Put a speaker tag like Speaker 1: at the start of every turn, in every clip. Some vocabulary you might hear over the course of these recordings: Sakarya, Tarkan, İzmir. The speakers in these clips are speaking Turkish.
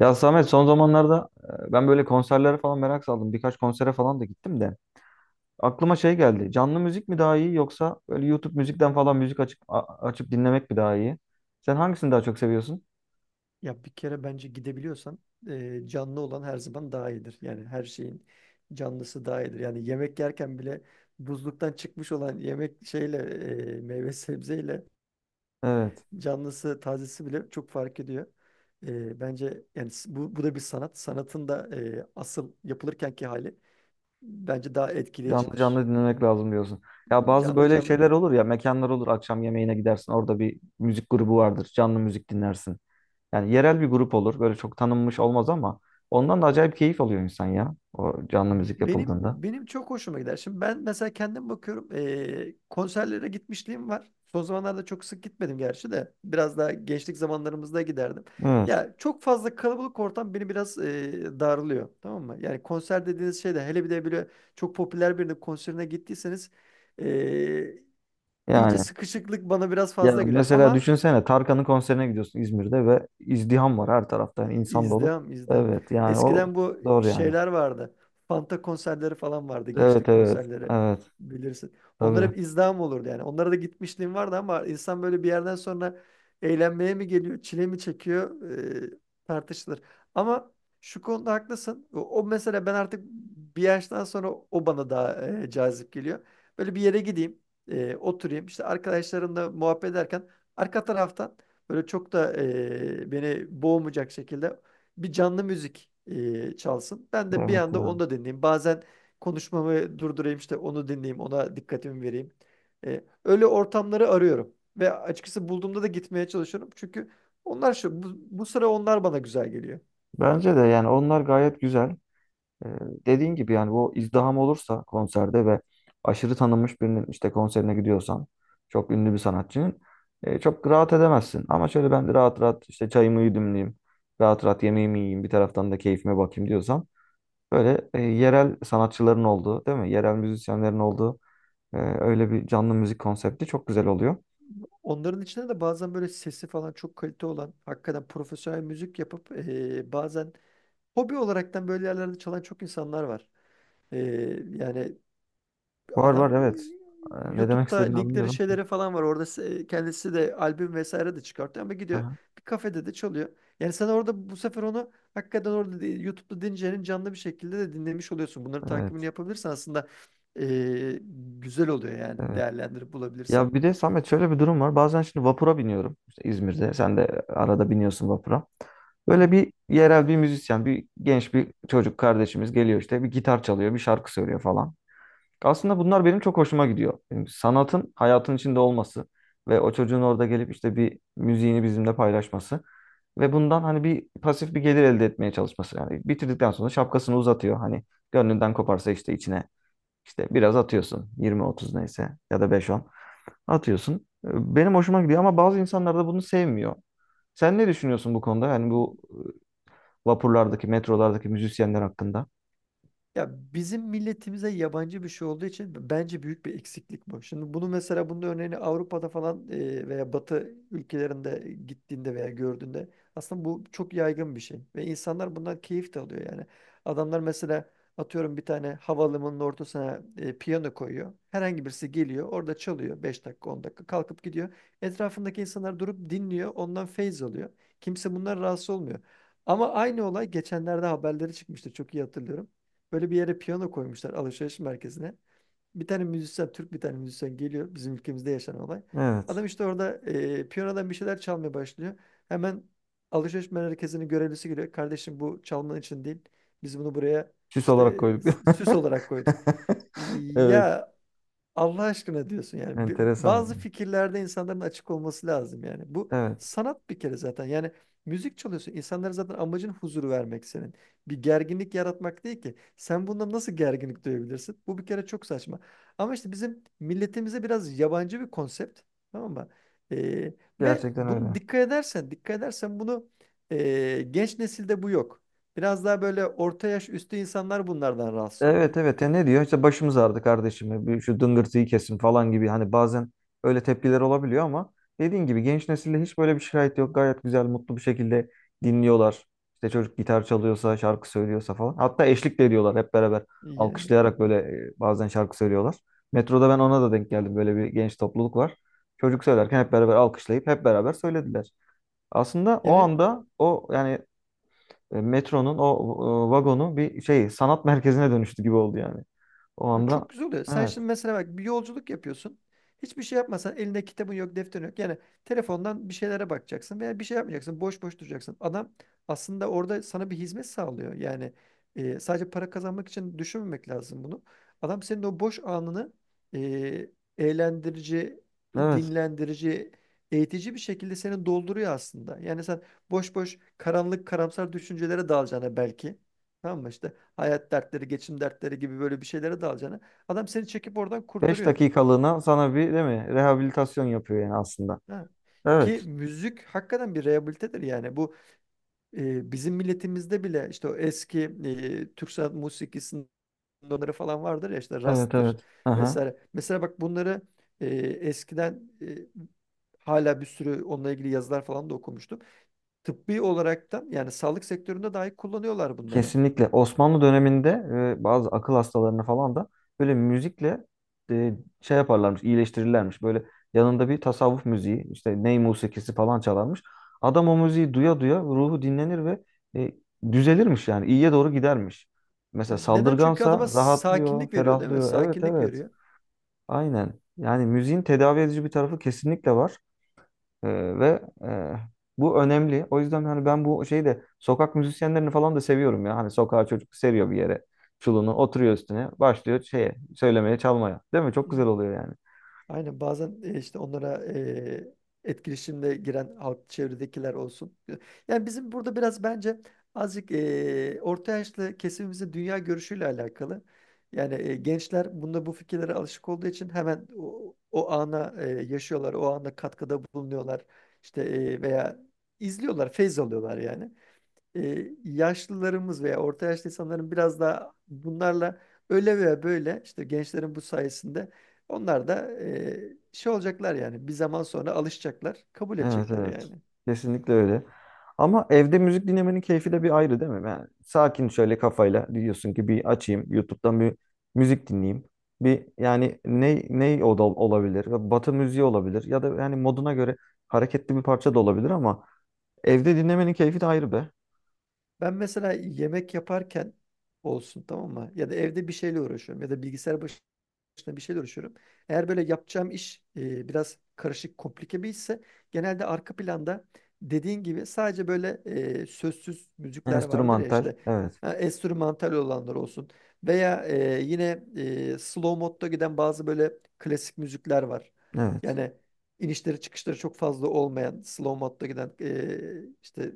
Speaker 1: Ya Samet, son zamanlarda ben böyle konserlere falan merak saldım. Birkaç konsere falan da gittim de. Aklıma şey geldi. Canlı müzik mi daha iyi, yoksa böyle YouTube müzikten falan müzik açıp açıp dinlemek mi daha iyi? Sen hangisini daha çok seviyorsun?
Speaker 2: Ya bir kere bence gidebiliyorsan canlı olan her zaman daha iyidir. Yani her şeyin canlısı daha iyidir. Yani yemek yerken bile buzluktan çıkmış olan yemek şeyle meyve sebzeyle
Speaker 1: Evet.
Speaker 2: canlısı tazesi bile çok fark ediyor. Bence yani bu da bir sanat. Sanatın da asıl yapılırkenki hali bence daha
Speaker 1: Canlı
Speaker 2: etkileyicidir.
Speaker 1: canlı dinlemek lazım diyorsun. Ya bazı
Speaker 2: Canlı
Speaker 1: böyle
Speaker 2: canlı.
Speaker 1: şeyler olur ya, mekanlar olur, akşam yemeğine gidersin, orada bir müzik grubu vardır, canlı müzik dinlersin. Yani yerel bir grup olur, böyle çok tanınmış olmaz, ama ondan da acayip keyif alıyor insan ya, o canlı müzik
Speaker 2: Benim
Speaker 1: yapıldığında.
Speaker 2: benim çok hoşuma gider. Şimdi ben mesela kendim bakıyorum, konserlere gitmişliğim var. Son zamanlarda çok sık gitmedim gerçi de biraz daha gençlik zamanlarımızda giderdim.
Speaker 1: Evet.
Speaker 2: Ya çok fazla kalabalık ortam beni biraz darlıyor, tamam mı? Yani konser dediğiniz şey de hele bir de böyle çok popüler birinin konserine gittiyseniz eee, iyice
Speaker 1: Yani.
Speaker 2: sıkışıklık bana biraz
Speaker 1: Ya
Speaker 2: fazla geliyor.
Speaker 1: mesela
Speaker 2: Ama.
Speaker 1: düşünsene, Tarkan'ın konserine gidiyorsun İzmir'de ve izdiham var her tarafta, yani insan dolu.
Speaker 2: İzdiham, izdiham.
Speaker 1: Evet, yani o
Speaker 2: Eskiden bu
Speaker 1: zor yani.
Speaker 2: şeyler vardı. Fanta konserleri falan vardı.
Speaker 1: Evet,
Speaker 2: Gençlik
Speaker 1: evet,
Speaker 2: konserleri
Speaker 1: evet,
Speaker 2: bilirsin. Onlar
Speaker 1: tabii.
Speaker 2: hep izdiham olurdu yani. Onlara da gitmişliğim vardı ama insan böyle bir yerden sonra eğlenmeye mi geliyor, çile mi çekiyor, e, tartışılır. Ama şu konuda haklısın. O mesela ben artık bir yaştan sonra o bana daha cazip geliyor. Böyle bir yere gideyim, oturayım. İşte arkadaşlarımla muhabbet ederken arka taraftan böyle çok da beni boğmayacak şekilde bir canlı müzik çalsın. Ben de bir
Speaker 1: Evet
Speaker 2: anda onu
Speaker 1: yani.
Speaker 2: da dinleyeyim. Bazen konuşmamı durdurayım, işte onu dinleyeyim, ona dikkatimi vereyim. Öyle ortamları arıyorum ve açıkçası bulduğumda da gitmeye çalışıyorum. Çünkü onlar şu bu sıra onlar bana güzel geliyor.
Speaker 1: Bence de yani onlar gayet güzel. Ee, Dediğin gibi yani, bu izdiham olursa konserde ve aşırı tanınmış birinin işte konserine gidiyorsan, çok ünlü bir sanatçının çok rahat edemezsin. Ama şöyle ben de rahat rahat işte çayımı yudumlayayım. Rahat rahat yemeğimi yiyeyim, bir taraftan da keyfime bakayım diyorsan. Böyle yerel sanatçıların olduğu, değil mi? Yerel müzisyenlerin olduğu öyle bir canlı müzik konsepti çok güzel oluyor.
Speaker 2: Onların içinde de bazen böyle sesi falan çok kalite olan, hakikaten profesyonel müzik yapıp bazen hobi olaraktan böyle yerlerde çalan çok insanlar var. E, Yani
Speaker 1: Var var,
Speaker 2: adam
Speaker 1: evet. E, ne demek
Speaker 2: YouTube'da
Speaker 1: istediğini
Speaker 2: linkleri
Speaker 1: anlıyorum.
Speaker 2: şeyleri falan var. Orada kendisi de albüm vesaire de çıkartıyor ama gidiyor,
Speaker 1: Aha,
Speaker 2: bir kafede de çalıyor. Yani sen orada bu sefer onu hakikaten orada YouTube'da dinleyeceğin canlı bir şekilde de dinlemiş oluyorsun. Bunları takibini
Speaker 1: evet,
Speaker 2: yapabilirsen aslında eee, güzel oluyor yani,
Speaker 1: evet.
Speaker 2: değerlendirip bulabilirsen.
Speaker 1: Ya bir de Samet, şöyle bir durum var. Bazen şimdi vapura biniyorum. İşte İzmir'de. Sen de arada biniyorsun vapura.
Speaker 2: Hı
Speaker 1: Böyle
Speaker 2: hı.
Speaker 1: bir yerel bir müzisyen, bir genç bir çocuk kardeşimiz geliyor, işte bir gitar çalıyor, bir şarkı söylüyor falan. Aslında bunlar benim çok hoşuma gidiyor. Yani sanatın hayatın içinde olması ve o çocuğun orada gelip işte bir müziğini bizimle paylaşması ve bundan hani bir pasif bir gelir elde etmeye çalışması. Yani bitirdikten sonra şapkasını uzatıyor. Hani gönlünden koparsa işte içine, işte biraz atıyorsun. 20-30 neyse ya da 5-10 atıyorsun. Benim hoşuma gidiyor ama bazı insanlar da bunu sevmiyor. Sen ne düşünüyorsun bu konuda? Yani bu vapurlardaki, metrolardaki müzisyenler hakkında?
Speaker 2: Ya bizim milletimize yabancı bir şey olduğu için bence büyük bir eksiklik bu. Şimdi bunu mesela bunun örneğini Avrupa'da falan veya Batı ülkelerinde gittiğinde veya gördüğünde aslında bu çok yaygın bir şey ve insanlar bundan keyif de alıyor yani. Adamlar mesela atıyorum bir tane havalimanının ortasına piyano koyuyor. Herhangi birisi geliyor, orada çalıyor, 5 dakika 10 dakika kalkıp gidiyor. Etrafındaki insanlar durup dinliyor, ondan feyz alıyor. Kimse bundan rahatsız olmuyor. Ama aynı olay geçenlerde haberleri çıkmıştı. Çok iyi hatırlıyorum. Böyle bir yere piyano koymuşlar, alışveriş merkezine. Bir tane müzisyen, Türk bir tane müzisyen geliyor, bizim ülkemizde yaşanan olay.
Speaker 1: Evet.
Speaker 2: Adam işte orada piyanodan bir şeyler çalmaya başlıyor. Hemen alışveriş merkezinin görevlisi geliyor. Kardeşim, bu çalman için değil. Biz bunu buraya
Speaker 1: Süs
Speaker 2: işte
Speaker 1: olarak
Speaker 2: e,
Speaker 1: koyduk.
Speaker 2: süs olarak koyduk.
Speaker 1: Evet.
Speaker 2: Ya, Allah aşkına diyorsun yani. Bazı
Speaker 1: Enteresan.
Speaker 2: fikirlerde insanların açık olması lazım yani. Bu
Speaker 1: Evet.
Speaker 2: sanat bir kere zaten. Yani müzik çalıyorsun. İnsanlara zaten amacın huzuru vermek senin. Bir gerginlik yaratmak değil ki. Sen bundan nasıl gerginlik duyabilirsin? Bu bir kere çok saçma. Ama işte bizim milletimize biraz yabancı bir konsept. Tamam mı? Ee, Ve
Speaker 1: Gerçekten
Speaker 2: bunu
Speaker 1: öyle.
Speaker 2: dikkat edersen bunu genç nesilde bu yok. Biraz daha böyle orta yaş üstü insanlar bunlardan rahatsız oluyor.
Speaker 1: Evet, evet. Ya ne diyor? İşte başımız ağrıdı kardeşim. Bir şu dıngırtıyı kesin falan gibi. Hani bazen öyle tepkiler olabiliyor ama dediğin gibi genç nesilde hiç böyle bir şikayet yok. Gayet güzel, mutlu bir şekilde dinliyorlar. İşte çocuk gitar çalıyorsa, şarkı söylüyorsa falan. Hatta eşlik de ediyorlar hep beraber.
Speaker 2: Yani.
Speaker 1: Alkışlayarak böyle bazen şarkı söylüyorlar. Metroda ben ona da denk geldim. Böyle bir genç topluluk var. Çocuk söylerken hep beraber alkışlayıp hep beraber söylediler. Aslında o
Speaker 2: Yani.
Speaker 1: anda o, yani metronun o vagonu bir şey, sanat merkezine dönüştü gibi oldu yani. O
Speaker 2: Ya,
Speaker 1: anda,
Speaker 2: çok güzel oluyor. Sen
Speaker 1: evet
Speaker 2: şimdi mesela bak, bir yolculuk yapıyorsun. Hiçbir şey yapmasan, elinde kitabın yok, defterin yok. Yani telefondan bir şeylere bakacaksın veya bir şey yapmayacaksın. Boş boş duracaksın. Adam aslında orada sana bir hizmet sağlıyor. Yani sadece para kazanmak için düşünmemek lazım bunu. Adam senin o boş anını e, eğlendirici,
Speaker 1: evet,
Speaker 2: dinlendirici, eğitici bir şekilde seni dolduruyor aslında. Yani sen boş boş karanlık, karamsar düşüncelere dalacağına belki. Tamam mı işte? Hayat dertleri, geçim dertleri gibi böyle bir şeylere dalacağına adam seni çekip oradan
Speaker 1: 5
Speaker 2: kurtarıyor.
Speaker 1: dakikalığına sana bir, değil mi, rehabilitasyon yapıyor yani aslında.
Speaker 2: Ha. Ki
Speaker 1: Evet,
Speaker 2: müzik hakikaten bir rehabilitedir yani. Bu bizim milletimizde bile işte o eski Türk sanat musikisinin onları falan vardır ya, işte
Speaker 1: evet,
Speaker 2: rastır
Speaker 1: evet. Aha.
Speaker 2: vesaire. Mesela bak bunları eskiden hala bir sürü onunla ilgili yazılar falan da okumuştum. Tıbbi olaraktan yani sağlık sektöründe dahi kullanıyorlar bunları.
Speaker 1: Kesinlikle Osmanlı döneminde bazı akıl hastalarını falan da böyle müzikle e, şey yaparlarmış, iyileştirirlermiş. Böyle yanında bir tasavvuf müziği, işte ney musikisi falan çalarmış. Adam o müziği duya duya ruhu dinlenir ve e, düzelirmiş yani, iyiye doğru gidermiş. Mesela
Speaker 2: Ha, neden? Çünkü adama
Speaker 1: saldırgansa rahatlıyor,
Speaker 2: sakinlik veriyor, değil mi?
Speaker 1: ferahlıyor. Evet,
Speaker 2: Sakinlik
Speaker 1: evet.
Speaker 2: veriyor.
Speaker 1: Aynen. Yani müziğin tedavi edici bir tarafı kesinlikle var. Ee, ve bu önemli. O yüzden hani ben bu şeyi de, sokak müzisyenlerini falan da seviyorum ya. Hani sokağa çocuk seriyor bir yere çulunu, oturuyor üstüne, başlıyor şeye, söylemeye, çalmaya. Değil mi? Çok güzel oluyor yani.
Speaker 2: Aynen, bazen işte onlara etkileşimde giren halk, çevredekiler olsun. Yani bizim burada biraz bence azıcık orta yaşlı kesimimizin dünya görüşüyle alakalı. Yani gençler bunda bu fikirlere alışık olduğu için hemen o ana yaşıyorlar, o ana katkıda bulunuyorlar. İşte veya izliyorlar, feyz alıyorlar yani yaşlılarımız veya orta yaşlı insanların biraz daha bunlarla öyle veya böyle işte gençlerin bu sayesinde onlar da şey olacaklar yani, bir zaman sonra alışacaklar, kabul
Speaker 1: Evet,
Speaker 2: edecekler
Speaker 1: evet.
Speaker 2: yani.
Speaker 1: Kesinlikle öyle. Ama evde müzik dinlemenin keyfi de bir ayrı, değil mi? Yani sakin şöyle kafayla diyorsun ki, bir açayım YouTube'dan bir müzik dinleyeyim. Bir yani ne o da olabilir? Batı müziği olabilir ya da yani moduna göre hareketli bir parça da olabilir, ama evde dinlemenin keyfi de ayrı be.
Speaker 2: Ben mesela yemek yaparken olsun, tamam mı? Ya da evde bir şeyle uğraşıyorum ya da bilgisayar başına bir şeyle uğraşıyorum. Eğer böyle yapacağım iş biraz karışık, komplike bir işse genelde arka planda, dediğin gibi, sadece böyle sözsüz müzikler vardır ya
Speaker 1: Enstrümantal.
Speaker 2: işte.
Speaker 1: Evet.
Speaker 2: Ha, enstrümantal olanlar olsun veya yine slow modda giden bazı böyle klasik müzikler var.
Speaker 1: Evet.
Speaker 2: Yani inişleri çıkışları çok fazla olmayan, slow modda giden işte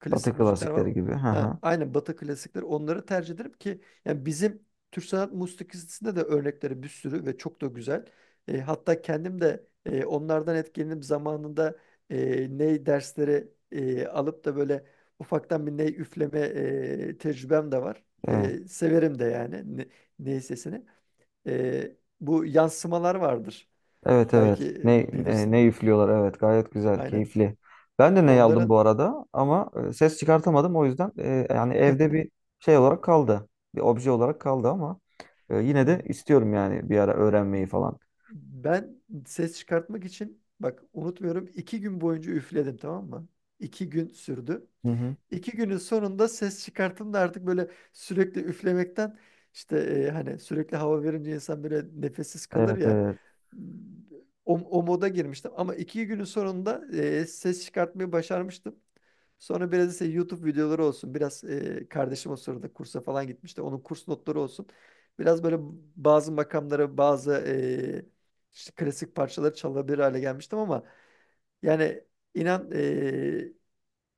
Speaker 2: klasik
Speaker 1: Batı
Speaker 2: müzikler var.
Speaker 1: klasikleri gibi. Hı
Speaker 2: Ha,
Speaker 1: hı.
Speaker 2: aynen, Batı klasikleri, onları tercih ederim ki yani bizim Türk sanat musikisinde de örnekleri bir sürü ve çok da güzel. Hatta kendim de onlardan etkilenip zamanında ney dersleri alıp da böyle ufaktan bir ney üfleme tecrübem de var.
Speaker 1: Evet.
Speaker 2: Severim de yani ney sesini. Bu yansımalar vardır.
Speaker 1: Evet,
Speaker 2: Belki
Speaker 1: evet. Ne ne
Speaker 2: bilirsin.
Speaker 1: üflüyorlar. Evet. Gayet güzel,
Speaker 2: Aynen.
Speaker 1: keyifli. Ben de ney aldım bu
Speaker 2: Onların
Speaker 1: arada ama ses çıkartamadım. O yüzden yani evde bir şey olarak kaldı. Bir obje olarak kaldı, ama yine de istiyorum yani bir ara öğrenmeyi falan.
Speaker 2: Ben ses çıkartmak için bak, unutmuyorum, 2 gün boyunca üfledim, tamam mı? 2 gün sürdü.
Speaker 1: Hı hı.
Speaker 2: 2 günün sonunda ses çıkarttım da artık böyle sürekli üflemekten işte hani sürekli hava verince insan böyle nefessiz kalır
Speaker 1: Evet,
Speaker 2: ya,
Speaker 1: evet.
Speaker 2: o moda girmiştim ama 2 günün sonunda ses çıkartmayı başarmıştım. Sonra biraz ise YouTube videoları olsun, biraz kardeşim o sırada kursa falan gitmişti, onun kurs notları olsun. Biraz böyle bazı makamlara, bazı işte klasik parçaları çalabilir hale gelmiştim ama yani inan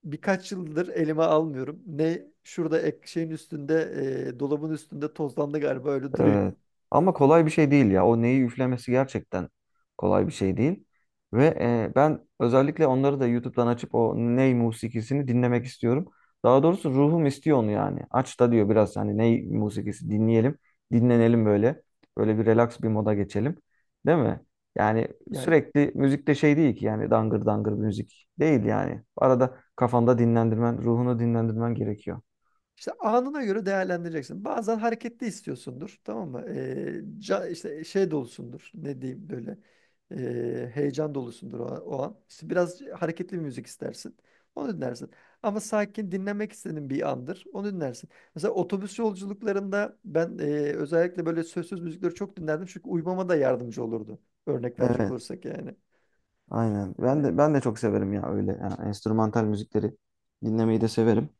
Speaker 2: birkaç yıldır elime almıyorum. Ne şurada ek şeyin üstünde, dolabın üstünde tozlandı galiba, öyle duruyor.
Speaker 1: Evet. Ama kolay bir şey değil ya. O neyi üflemesi gerçekten kolay bir şey değil. Ve ben özellikle onları da YouTube'dan açıp o ney musikisini dinlemek istiyorum. Daha doğrusu ruhum istiyor onu yani. Aç da diyor biraz, hani ney musikisi dinleyelim, dinlenelim böyle. Böyle bir relax bir moda geçelim. Değil mi? Yani
Speaker 2: Yani.
Speaker 1: sürekli müzikte şey değil ki yani, dangır dangır bir müzik değil yani. Arada kafanda dinlendirmen, ruhunu dinlendirmen gerekiyor.
Speaker 2: İşte anına göre değerlendireceksin. Bazen hareketli istiyorsundur, tamam mı? İşte şey dolusundur, ne diyeyim böyle. Heyecan dolusundur, o an. İşte biraz hareketli bir müzik istersin. Onu dinlersin. Ama sakin dinlemek istediğin bir andır. Onu dinlersin. Mesela otobüs yolculuklarında ben özellikle böyle sözsüz müzikleri çok dinlerdim. Çünkü uyumama da yardımcı olurdu. Örnek verecek
Speaker 1: Evet.
Speaker 2: olursak yani.
Speaker 1: Aynen. Ben
Speaker 2: Hani
Speaker 1: de ben de çok severim ya öyle. Yani enstrümantal müzikleri dinlemeyi de severim.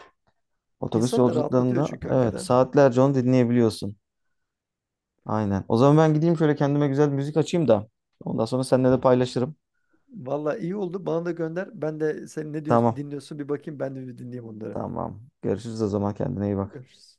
Speaker 1: Otobüs
Speaker 2: insanı da rahatlatıyor
Speaker 1: yolculuklarında
Speaker 2: çünkü,
Speaker 1: evet,
Speaker 2: hakikaten.
Speaker 1: saatlerce onu dinleyebiliyorsun. Aynen. O zaman ben gideyim, şöyle kendime güzel bir müzik açayım da. Ondan sonra seninle de paylaşırım.
Speaker 2: Valla iyi oldu. Bana da gönder. Ben de sen ne diyorsun,
Speaker 1: Tamam.
Speaker 2: dinliyorsun, bir bakayım. Ben de bir dinleyeyim onları.
Speaker 1: Tamam. Görüşürüz o zaman. Kendine iyi bak.
Speaker 2: Görüşürüz.